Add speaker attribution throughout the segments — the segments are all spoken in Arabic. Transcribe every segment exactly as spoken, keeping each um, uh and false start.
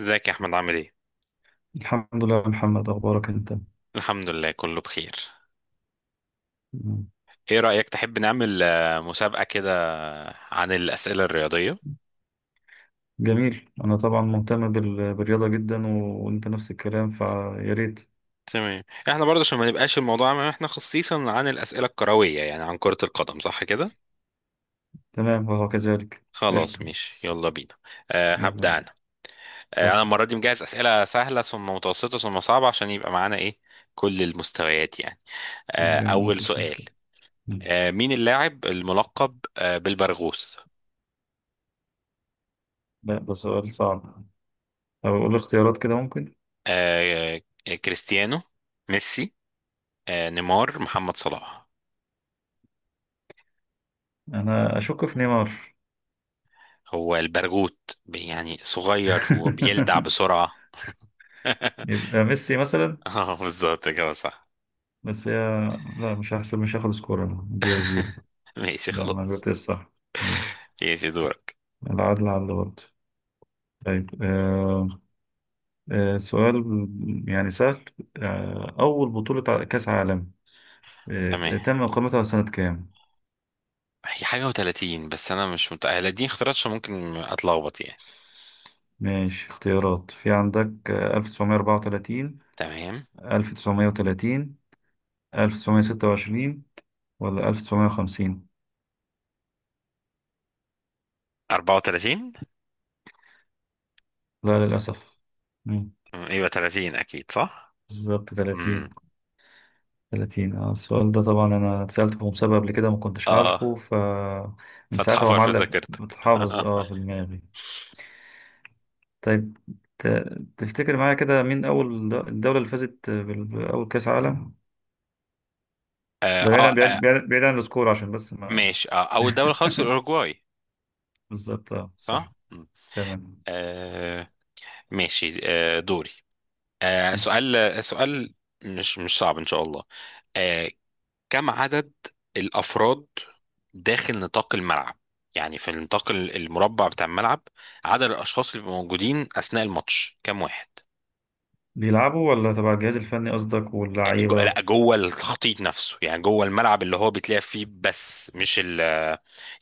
Speaker 1: ازيك يا احمد عامل ايه؟
Speaker 2: الحمد لله يا محمد، أخبارك أنت؟
Speaker 1: الحمد لله كله بخير.
Speaker 2: مم.
Speaker 1: ايه رأيك تحب نعمل آه، مسابقة كده عن الأسئلة الرياضية؟
Speaker 2: جميل. أنا طبعا مهتم بال- بالرياضة جدا، و- وأنت نفس الكلام، فيا ريت.
Speaker 1: تمام، احنا برضه عشان ما نبقاش الموضوع عام احنا خصيصا عن الأسئلة الكروية يعني عن كرة القدم، صح كده؟
Speaker 2: تمام وهو كذلك.
Speaker 1: خلاص
Speaker 2: قشطة.
Speaker 1: ماشي يلا بينا. أه
Speaker 2: يلا
Speaker 1: هبدأ انا. أه انا
Speaker 2: اتفضل.
Speaker 1: المرة دي مجهز أسئلة سهلة ثم متوسطة ثم صعبة عشان يبقى معانا ايه، كل المستويات يعني. أه
Speaker 2: جميل،
Speaker 1: أول
Speaker 2: مفيش
Speaker 1: سؤال.
Speaker 2: مشكلة. مم.
Speaker 1: أه مين اللاعب الملقب أه بالبرغوث؟
Speaker 2: لا، ده سؤال صعب. طب أقول اختيارات كده، ممكن.
Speaker 1: أه آه، كريستيانو، ميسي، آه، نيمار، محمد صلاح.
Speaker 2: أنا أشك في نيمار.
Speaker 1: هو البرغوت، ب- يعني صغير وبيلدع بسرعة.
Speaker 2: يبقى ميسي مثلا.
Speaker 1: اه بالظبط كده، صح.
Speaker 2: بس هي، لا، مش هحسب، مش هاخد سكور، أنا دي زيرو.
Speaker 1: ماشي
Speaker 2: لا، ما
Speaker 1: خلاص.
Speaker 2: جبتش صح. ماشي.
Speaker 1: ماشي دورك.
Speaker 2: العدل على اللي برضه. طيب، آه، آه، سؤال يعني سهل. آه، أول بطولة ع- كأس عالم آه،
Speaker 1: تمام.
Speaker 2: تم إقامتها سنة كام؟
Speaker 1: هي حاجة و30، بس أنا مش متأهل، دي اختيارات عشان ممكن أتلخبط يعني.
Speaker 2: ماشي، اختيارات في عندك: آه، ألف وتسعمية أربعة وتلاتين،
Speaker 1: تمام.
Speaker 2: ألف وتسعمية وتلاتين، ألف وتسعمية ستة وعشرين، ولا ألف وتسعمية وخمسين؟
Speaker 1: أربعة وثلاثين.
Speaker 2: لا، للأسف. مم،
Speaker 1: أمم، يبقى ثلاثين أكيد صح؟
Speaker 2: بالظبط
Speaker 1: امم
Speaker 2: ثلاثين. تلاتين. آه، السؤال ده طبعا أنا اتسألته في مسابقة قبل كده، ما كنتش عارفه،
Speaker 1: اه،
Speaker 2: فمن
Speaker 1: فتح
Speaker 2: ساعتها هو
Speaker 1: حفر في
Speaker 2: معلق في-
Speaker 1: ذاكرتك.
Speaker 2: متحافظ اه في دماغي. طيب. ت- تفتكر معايا كده مين أول د- الدولة اللي فازت بال- بأول كأس عالم؟
Speaker 1: آه,
Speaker 2: ده بعيد
Speaker 1: اه
Speaker 2: عن
Speaker 1: آه،
Speaker 2: بعيد بعيد بعيد عن السكور، عشان بس ما...
Speaker 1: ماشي، آه أول دولة خالص الأوروجواي.
Speaker 2: بالظبط، اه،
Speaker 1: صح؟
Speaker 2: صح.
Speaker 1: مم.
Speaker 2: تمام.
Speaker 1: آه. ماشي، آه دوري. آه سؤال سؤال، مش مش صعب ان شاء الله. آه، كم عدد الافراد داخل نطاق الملعب؟ يعني في النطاق ال- المربع بتاع الملعب، عدد الاشخاص اللي بيبقوا موجودين اثناء الماتش كم واحد؟
Speaker 2: بيلعبوا ولا تبع الجهاز الفني قصدك
Speaker 1: آه، جو-
Speaker 2: واللعيبة؟
Speaker 1: لا جوه التخطيط نفسه، يعني جوه الملعب اللي هو بيتلعب فيه، بس مش ال،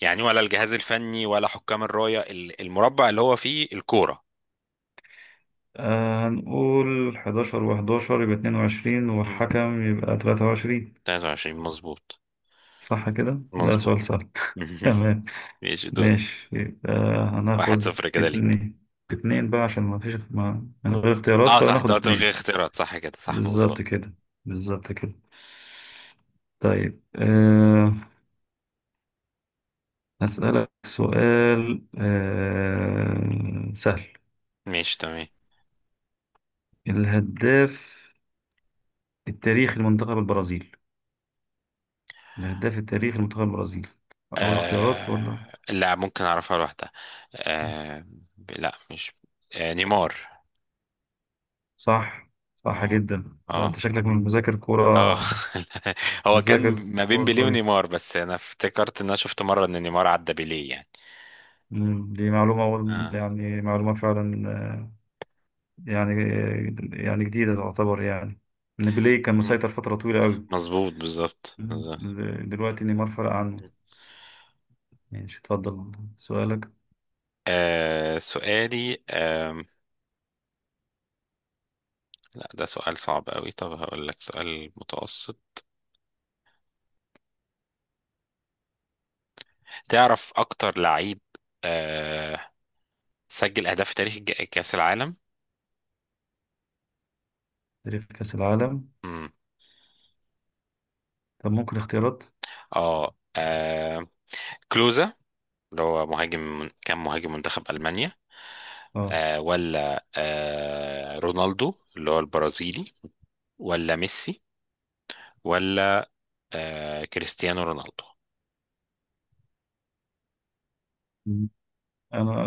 Speaker 1: يعني ولا الجهاز الفني ولا حكام الراية، ال- المربع اللي هو فيه الكورة.
Speaker 2: آه، هنقول حداشر و11 يبقى اتنين وعشرين،
Speaker 1: مم،
Speaker 2: والحكم يبقى ثلاثة وعشرين.
Speaker 1: ثلاثة وعشرين مظبوط
Speaker 2: صح كده؟ ده
Speaker 1: مظبوط.
Speaker 2: سؤال سهل. تمام.
Speaker 1: ماشي دور.
Speaker 2: ماشي، يبقى
Speaker 1: واحد
Speaker 2: هناخد
Speaker 1: صفر كده ليك.
Speaker 2: اتنين. اتنين بقى عشان ما فيش، ما من غير اختيارات
Speaker 1: اه صح،
Speaker 2: فناخد
Speaker 1: دوت من
Speaker 2: اتنين.
Speaker 1: غير اختيارات، صح كده، صح
Speaker 2: بالظبط
Speaker 1: مظبوط.
Speaker 2: كده. بالظبط كده. طيب أه، هسألك سؤال أه سهل.
Speaker 1: ماشي تمام.
Speaker 2: الهداف التاريخي لمنتخب البرازيل. الهداف التاريخي لمنتخب البرازيل. أول اختيارات ولا...
Speaker 1: آه... لا ممكن اعرفها لوحدها. آه... لا مش، آه... نيمار.
Speaker 2: صح. صح
Speaker 1: اه
Speaker 2: جدا، ده
Speaker 1: اه
Speaker 2: أنت شكلك من مذاكر
Speaker 1: اه.
Speaker 2: كورة.
Speaker 1: هو كان
Speaker 2: مذاكر
Speaker 1: ما بين
Speaker 2: كورة
Speaker 1: بيليه
Speaker 2: كويس.
Speaker 1: ونيمار، بس انا افتكرت ان انا شفت مره ان نيمار عدى بيليه يعني.
Speaker 2: مم، دي معلومة أول،
Speaker 1: آه.
Speaker 2: يعني معلومة فعلا، آه، يعني، يعني جديدة تعتبر يعني، إن بيليه كان
Speaker 1: مم.
Speaker 2: مسيطر فترة طويلة أوي.
Speaker 1: مظبوط بالظبط
Speaker 2: مم.
Speaker 1: بالظبط.
Speaker 2: دلوقتي نيمار فرق عنه. ماشي، اتفضل سؤالك.
Speaker 1: آه سؤالي، آه لا ده سؤال صعب قوي، طب هقول لك سؤال متوسط. تعرف اكتر لعيب آه سجل اهداف في تاريخ الج- كاس العالم؟
Speaker 2: تاريخ كأس العالم.
Speaker 1: امم
Speaker 2: طب ممكن اختيارات؟
Speaker 1: اه. آه، كلوزا اللي هو مهاجم، كان مهاجم منتخب المانيا،
Speaker 2: اه.
Speaker 1: آه ولا آه رونالدو اللي هو البرازيلي، ولا ميسي، ولا آه كريستيانو رونالدو.
Speaker 2: مم. انا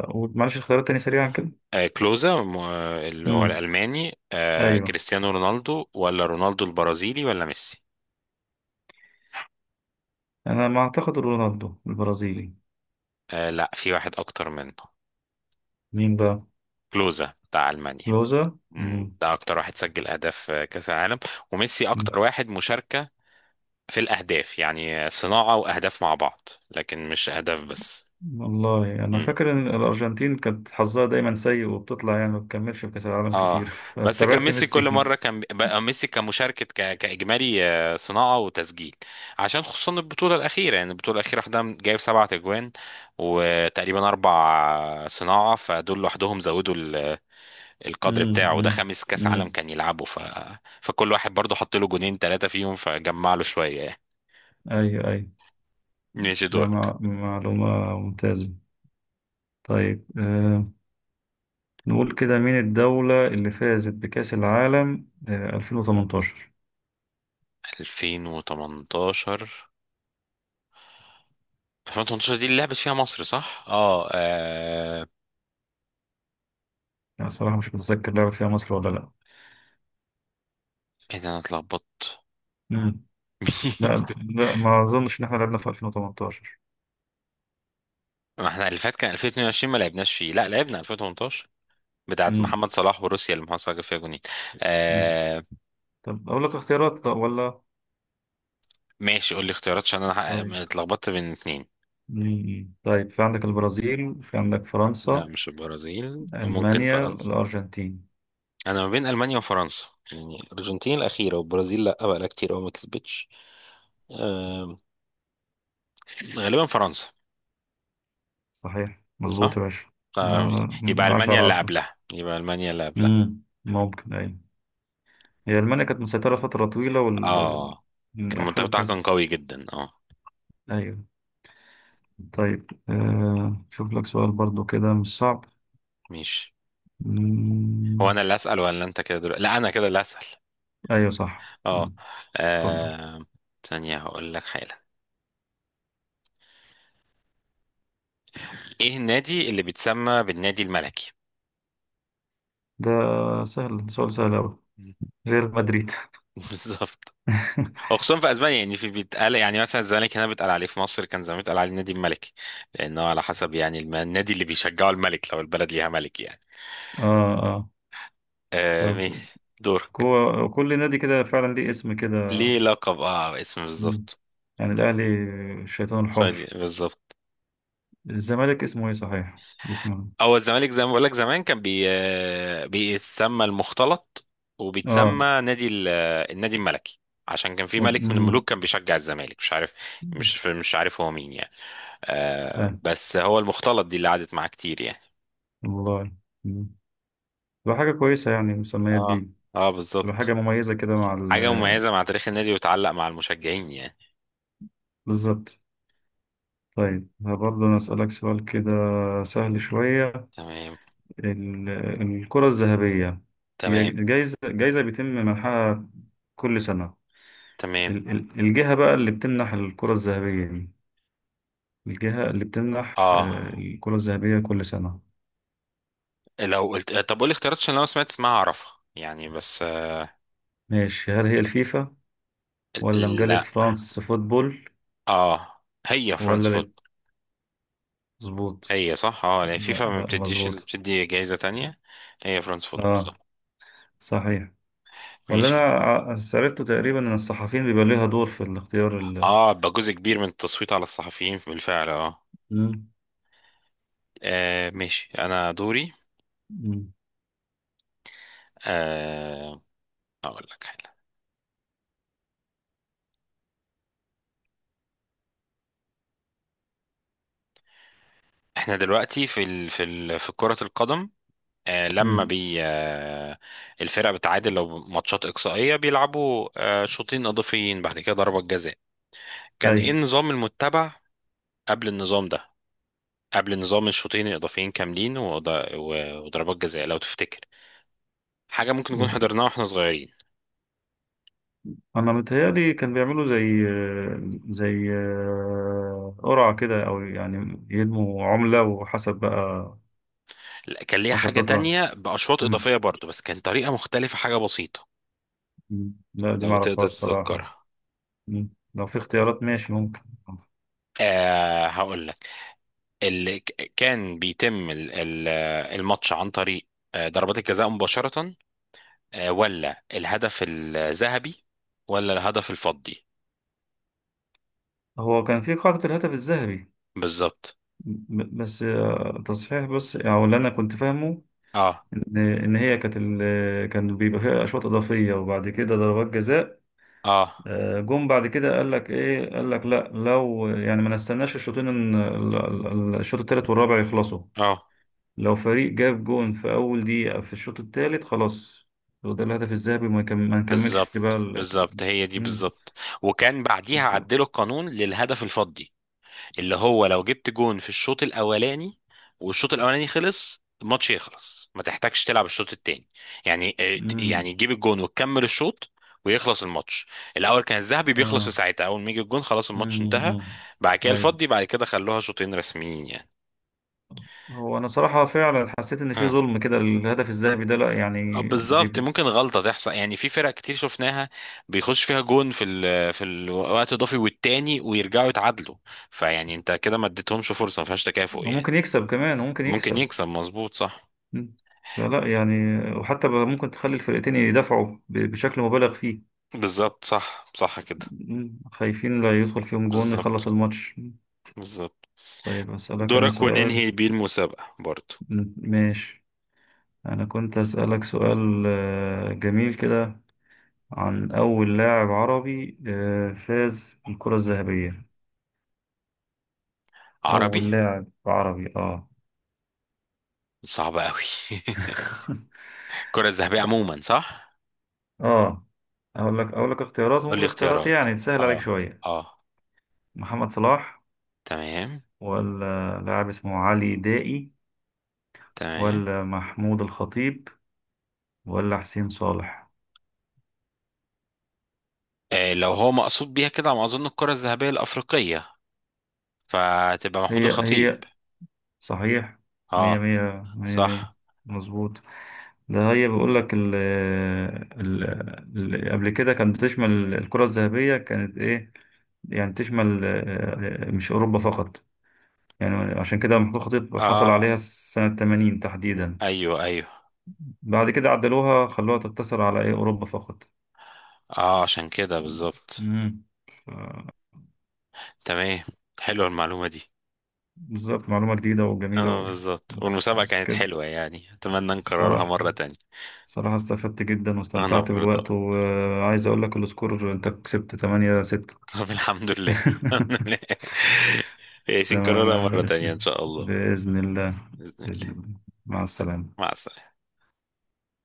Speaker 2: هقول معلش اختيارات تاني سريعا كده.
Speaker 1: آه كلوزا، م- آه، اللي هو
Speaker 2: مم.
Speaker 1: الألماني، آه
Speaker 2: ايوه،
Speaker 1: كريستيانو رونالدو، ولا رونالدو البرازيلي، ولا ميسي.
Speaker 2: انا ما اعتقد رونالدو البرازيلي.
Speaker 1: آه لا، في واحد أكتر منه،
Speaker 2: مين بقى؟
Speaker 1: كلوزا بتاع ألمانيا.
Speaker 2: كلوزا.
Speaker 1: مم،
Speaker 2: مم.
Speaker 1: ده اكتر واحد سجل اهداف في كاس العالم، وميسي
Speaker 2: مم.
Speaker 1: اكتر واحد مشاركة في الاهداف، يعني صناعة واهداف مع بعض، لكن مش اهداف بس.
Speaker 2: والله انا
Speaker 1: امم
Speaker 2: فاكر ان الارجنتين كانت حظها دايما سيء، وبتطلع يعني ما بتكملش في كأس العالم كتير،
Speaker 1: اه، بس كان
Speaker 2: فاستبعدت
Speaker 1: ميسي كل مرة،
Speaker 2: ميسي.
Speaker 1: كان بقى ميسي كمشاركة ك... كاجمالي، آه، صناعة وتسجيل. عشان خصوصا البطولة الأخيرة، يعني البطولة الأخيرة واحدة جايب سبعة أجوان وتقريبا أربع صناعة، فدول لوحدهم زودوا ال... القدر
Speaker 2: مم.
Speaker 1: بتاعه، وده
Speaker 2: مم.
Speaker 1: خامس كأس عالم
Speaker 2: مم.
Speaker 1: كان يلعبه ف... فكل واحد برضه حط له جونين ثلاثة فيهم فجمع له شوية.
Speaker 2: ايوه ايوه.
Speaker 1: ماشي
Speaker 2: ده
Speaker 1: دورك.
Speaker 2: مع- معلومة ممتازة. طيب، آه، نقول كده مين الدولة اللي فازت بكأس العالم آه، ألفين وتمنتاشر؟
Speaker 1: ألفين وثمانية عشر. ألفين وتمنتاشر دي اللي لعبت فيها مصر صح؟ اه آه،
Speaker 2: يعني صراحة مش متذكر لعبت فيها مصر ولا لأ.
Speaker 1: ايه ده انا اتلخبطت.
Speaker 2: مم.
Speaker 1: مين
Speaker 2: لا
Speaker 1: ده؟
Speaker 2: لا، ما أظنش إن إحنا لعبنا في ألفين وتمنتاشر.
Speaker 1: ما احنا اللي فات كان ألفين واتنين وعشرين ما لعبناش فيه، لا لعبنا ألفين وتمنتاشر، بتاعت
Speaker 2: مم.
Speaker 1: محمد صلاح وروسيا اللي محمد صلاح جاب فيها جونين.
Speaker 2: مم.
Speaker 1: آه.
Speaker 2: طب أقول لك اختيارات، طب ولا...
Speaker 1: ماشي قول لي اختيارات عشان انا حق-
Speaker 2: طيب.
Speaker 1: اتلخبطت بين اتنين.
Speaker 2: مم. طيب، في عندك البرازيل، في عندك
Speaker 1: لا
Speaker 2: فرنسا،
Speaker 1: مش البرازيل، ممكن
Speaker 2: ألمانيا،
Speaker 1: فرنسا.
Speaker 2: الأرجنتين.
Speaker 1: انا ما بين المانيا وفرنسا، يعني الارجنتين الاخيره، والبرازيل لا بقى لها كتير قوي ما كسبتش. آه، غالبا فرنسا.
Speaker 2: صحيح،
Speaker 1: صح؟
Speaker 2: مظبوط يا باشا.
Speaker 1: آه،
Speaker 2: آه، من
Speaker 1: يبقى
Speaker 2: عشرة
Speaker 1: المانيا
Speaker 2: على
Speaker 1: اللي
Speaker 2: عشرة.
Speaker 1: قبلها، يبقى المانيا اللي قبلها
Speaker 2: مم. ممكن، أيوة. هي ألمانيا كانت مسيطرة فترة طويلة وال...
Speaker 1: اه،
Speaker 2: آه،
Speaker 1: كان المنتخب
Speaker 2: أخدت
Speaker 1: بتاعها كان
Speaker 2: كأس.
Speaker 1: قوي جدا اه.
Speaker 2: أيوة. طيب، آه، شوف لك سؤال برضو كده مش صعب.
Speaker 1: ماشي.
Speaker 2: مم،
Speaker 1: هو انا اللي اسال ولا انت كده دلوقتي؟ لا انا كده اللي اسال.
Speaker 2: أيوة صح. مم،
Speaker 1: اه
Speaker 2: اتفضل.
Speaker 1: آه، ثانيه هقول لك حالا. ايه النادي اللي بيتسمى بالنادي الملكي؟
Speaker 2: ده سهل، سؤال سهل أوي. ريال مدريد.
Speaker 1: بالظبط. وخصوصا في اسبانيا يعني، في بيتقال يعني، مثلا الزمالك هنا بيتقال عليه في مصر، كان زمان بيتقال عليه النادي الملكي، لانه على حسب يعني، الم- النادي اللي بيشجعه الملك، لو البلد ليها ملك يعني.
Speaker 2: اه، اه.
Speaker 1: آه
Speaker 2: طيب،
Speaker 1: ماشي دورك.
Speaker 2: كو- كل نادي كده فعلا ليه اسم كده.
Speaker 1: ليه لقب، اه اسم
Speaker 2: مم.
Speaker 1: بالظبط.
Speaker 2: يعني الأهلي الشيطان
Speaker 1: سعودي
Speaker 2: الحمر.
Speaker 1: بالظبط.
Speaker 2: الزمالك اسمه ايه، صحيح، اسمه
Speaker 1: هو الزمالك زي ما بقول لك، زمان كان بي... آه، بيتسمى المختلط،
Speaker 2: إيه؟ اه.
Speaker 1: وبيتسمى نادي ال... آه، النادي الملكي، عشان كان في
Speaker 2: و-
Speaker 1: ملك من
Speaker 2: مم.
Speaker 1: الملوك كان بيشجع الزمالك، مش عارف، مش مش عارف هو مين يعني. آه
Speaker 2: اه.
Speaker 1: بس هو المختلط دي اللي قعدت معاه كتير يعني.
Speaker 2: والله. مم. تبقى حاجة كويسة يعني، المسميات
Speaker 1: اه
Speaker 2: دي.
Speaker 1: اه
Speaker 2: تبقى حاجة
Speaker 1: بالظبط.
Speaker 2: مميزة كده مع ال...
Speaker 1: حاجة مميزة مع تاريخ النادي وتعلق مع المشجعين يعني.
Speaker 2: بالظبط. طيب، برضه أنا أسألك سؤال كده سهل شوية.
Speaker 1: تمام
Speaker 2: ال- الكرة الذهبية، هي
Speaker 1: تمام
Speaker 2: جايزة، جايزة بيتم منحها كل سنة.
Speaker 1: تمام.
Speaker 2: ال- ال- الجهة بقى اللي بتمنح الكرة الذهبية دي، الجهة اللي بتمنح
Speaker 1: اه
Speaker 2: آه، الكرة الذهبية كل سنة.
Speaker 1: لو قلت، طب قول لي اختيارات عشان لو سمعت اسمها اعرفها يعني بس.
Speaker 2: ماشي، هل هي الفيفا، ولا مجلة
Speaker 1: لا
Speaker 2: فرانس فوتبول؟
Speaker 1: اه، هي فرانس.
Speaker 2: ولا، لا، مظبوط.
Speaker 1: هي صح اه، يعني
Speaker 2: لا
Speaker 1: فيفا ما
Speaker 2: لا،
Speaker 1: بتديش ال-
Speaker 2: مظبوط.
Speaker 1: بتدي جايزة تانية. هي فرانس فوتبول،
Speaker 2: اه،
Speaker 1: صح.
Speaker 2: صحيح. ولا أنا
Speaker 1: ماشي.
Speaker 2: ع- عرفته تقريبا إن الصحفيين بيبقى ليها دور في الاختيار ال...
Speaker 1: اه بقى جزء كبير من التصويت على الصحفيين بالفعل اه. آه، ماشي انا دوري.
Speaker 2: مم.
Speaker 1: آه اقول لك حاجة، احنا دلوقتي في ال... في ال... في كرة القدم، آه لما
Speaker 2: امم.
Speaker 1: بي آه الفرق بتعادل لو ماتشات إقصائية بيلعبوا آه شوطين إضافيين، بعد كده ضربة جزاء، كان
Speaker 2: اي،
Speaker 1: ايه النظام المتبع قبل النظام ده؟ قبل نظام الشوطين الإضافيين كاملين وض- و- وضربات جزاء، لو تفتكر حاجة ممكن نكون حضرناها واحنا صغيرين.
Speaker 2: انا متهيألي كان بيعملوا زي، زي آه، قرعة كده، او يعني يدموا عملة وحسب بقى.
Speaker 1: لا كان ليها
Speaker 2: حسب
Speaker 1: حاجة
Speaker 2: تطلع.
Speaker 1: تانية بأشواط
Speaker 2: امم.
Speaker 1: إضافية برضو، بس كان طريقة مختلفة، حاجة بسيطة.
Speaker 2: أمم. لا دي ما
Speaker 1: لو تقدر
Speaker 2: اعرفهاش صراحة.
Speaker 1: تتذكرها.
Speaker 2: أمم. لو في اختيارات ماشي ممكن.
Speaker 1: آه هقول لك، اللي ك- كان بيتم ال- ال- آه، الماتش عن طريق آه، ضربات الجزاء مباشرة، آه، ولا الهدف الذهبي، ولا الهدف الفضي.
Speaker 2: هو كان في قاعدة الهاتف الذهبي.
Speaker 1: بالظبط.
Speaker 2: ب- بس آه، تصحيح، بس او اللي انا كنت فاهمه،
Speaker 1: اه
Speaker 2: ان إن هي كانت ال، كان بيبقى فيها اشواط اضافية وبعد كده ضربات جزاء.
Speaker 1: اه
Speaker 2: آه، جم بعد كده قال لك ايه، قال لك لا، لو يعني ما نستناش الشوطين إن ال- ال- ال- الشوط الثالث والرابع يخلصوا.
Speaker 1: اه
Speaker 2: لو فريق جاب جون في اول دقيقة في الشوط الثالث، خلاص. هو ده الهدف الذهبي، وما يكم- ما نكملش بقى
Speaker 1: بالظبط
Speaker 2: ال...
Speaker 1: بالظبط، هي دي
Speaker 2: مم.
Speaker 1: بالظبط. وكان بعديها
Speaker 2: الكو-.
Speaker 1: عدلوا القانون للهدف الفضي، اللي هو لو جبت جون في الشوط الاولاني والشوط الاولاني خلص، الماتش يخلص، ما تحتاجش تلعب الشوط التاني، يعني آه،
Speaker 2: مم.
Speaker 1: يعني تجيب الجون وتكمل الشوط ويخلص الماتش. الاول كان الذهبي بيخلص في
Speaker 2: اه.
Speaker 1: ساعتها، اول ما يجي الجون خلاص الماتش
Speaker 2: مم.
Speaker 1: انتهى.
Speaker 2: مم.
Speaker 1: بعد كده
Speaker 2: ايوه.
Speaker 1: الفضي، بعد كده خلوها شوطين رسميين يعني.
Speaker 2: هو انا صراحة فعلا حسيت ان في
Speaker 1: اه
Speaker 2: ظلم كده الهدف الذهبي ده، لا
Speaker 1: آه،
Speaker 2: يعني
Speaker 1: بالظبط.
Speaker 2: بيب...
Speaker 1: ممكن غلطة تحصل يعني، في فرق كتير شفناها بيخش فيها جون في ال في الوقت الاضافي والتاني ويرجعوا يتعادلوا، فيعني انت كده ما اديتهمش فرصة، ما فيهاش تكافؤ
Speaker 2: هو
Speaker 1: يعني.
Speaker 2: ممكن يكسب كمان، هو ممكن
Speaker 1: ممكن
Speaker 2: يكسب.
Speaker 1: يكسب، مظبوط صح.
Speaker 2: مم. فلا يعني. وحتى بقى ممكن تخلي الفرقتين يدافعوا ب- بشكل مبالغ فيه.
Speaker 1: بالظبط صح صح كده.
Speaker 2: مم. خايفين لا يدخل فيهم جون يخلص
Speaker 1: بالظبط
Speaker 2: الماتش.
Speaker 1: بالظبط.
Speaker 2: طيب أسألك أنا
Speaker 1: دورك
Speaker 2: سؤال.
Speaker 1: وننهي بيه المسابقة برضو.
Speaker 2: مم. ماشي. أنا كنت أسألك سؤال آه، جميل كده، عن أول لاعب عربي آه، فاز بالكرة الذهبية.
Speaker 1: عربي،
Speaker 2: أول لاعب عربي آه.
Speaker 1: صعب قوي. الكرة الذهبية عموما، صح.
Speaker 2: آه. أقول لك، أقول لك اختيارات
Speaker 1: قول
Speaker 2: ممكن،
Speaker 1: لي
Speaker 2: الاختيارات
Speaker 1: اختيارات.
Speaker 2: يعني تسهل
Speaker 1: اه
Speaker 2: عليك شوية.
Speaker 1: اه.
Speaker 2: محمد صلاح،
Speaker 1: تمام.
Speaker 2: ولا لاعب اسمه علي دائي،
Speaker 1: تمام.
Speaker 2: ولا محمود الخطيب، ولا حسين صالح.
Speaker 1: آه لو هو مقصود بيها كده على ما اظن الكرة الذهبية الأفريقية، فتبقى محمود
Speaker 2: هي
Speaker 1: الخطيب.
Speaker 2: هي. صحيح. مية
Speaker 1: اه
Speaker 2: مية مية مية.
Speaker 1: صح
Speaker 2: مظبوط. ده هي بيقول لك ال ال ال- قبل كده كانت بتشمل الكرة الذهبية كانت ايه، يعني تشمل آه، آه، مش أوروبا فقط. يعني عشان كده محمود الخطيب حصل
Speaker 1: اه.
Speaker 2: عليها سنة ثمانين تحديدا.
Speaker 1: ايوه ايوه.
Speaker 2: بعد كده عدلوها خلوها تقتصر على ايه، أوروبا فقط.
Speaker 1: اه عشان كده بالظبط.
Speaker 2: مم.
Speaker 1: تمام، حلوه المعلومة دي.
Speaker 2: بالظبط، معلومة جديدة وجميلة
Speaker 1: اه
Speaker 2: و...
Speaker 1: بالظبط، والمسابقة
Speaker 2: بس
Speaker 1: كانت
Speaker 2: كده
Speaker 1: حلوة يعني، اتمنى نكررها
Speaker 2: الصراحة.
Speaker 1: مرة تانية.
Speaker 2: صراحة استفدت جدا
Speaker 1: انا
Speaker 2: واستمتعت بالوقت،
Speaker 1: برضه.
Speaker 2: وعايز اقول لك السكور، انت كسبت تمانية ستة.
Speaker 1: طب الحمد لله. الحمد لله. عايشين
Speaker 2: تمام
Speaker 1: كررها
Speaker 2: يا
Speaker 1: مرة تانية ان
Speaker 2: باشا،
Speaker 1: شاء الله.
Speaker 2: بإذن الله.
Speaker 1: بإذن الله.
Speaker 2: بإذن الله. مع السلامة.
Speaker 1: مع السلامة.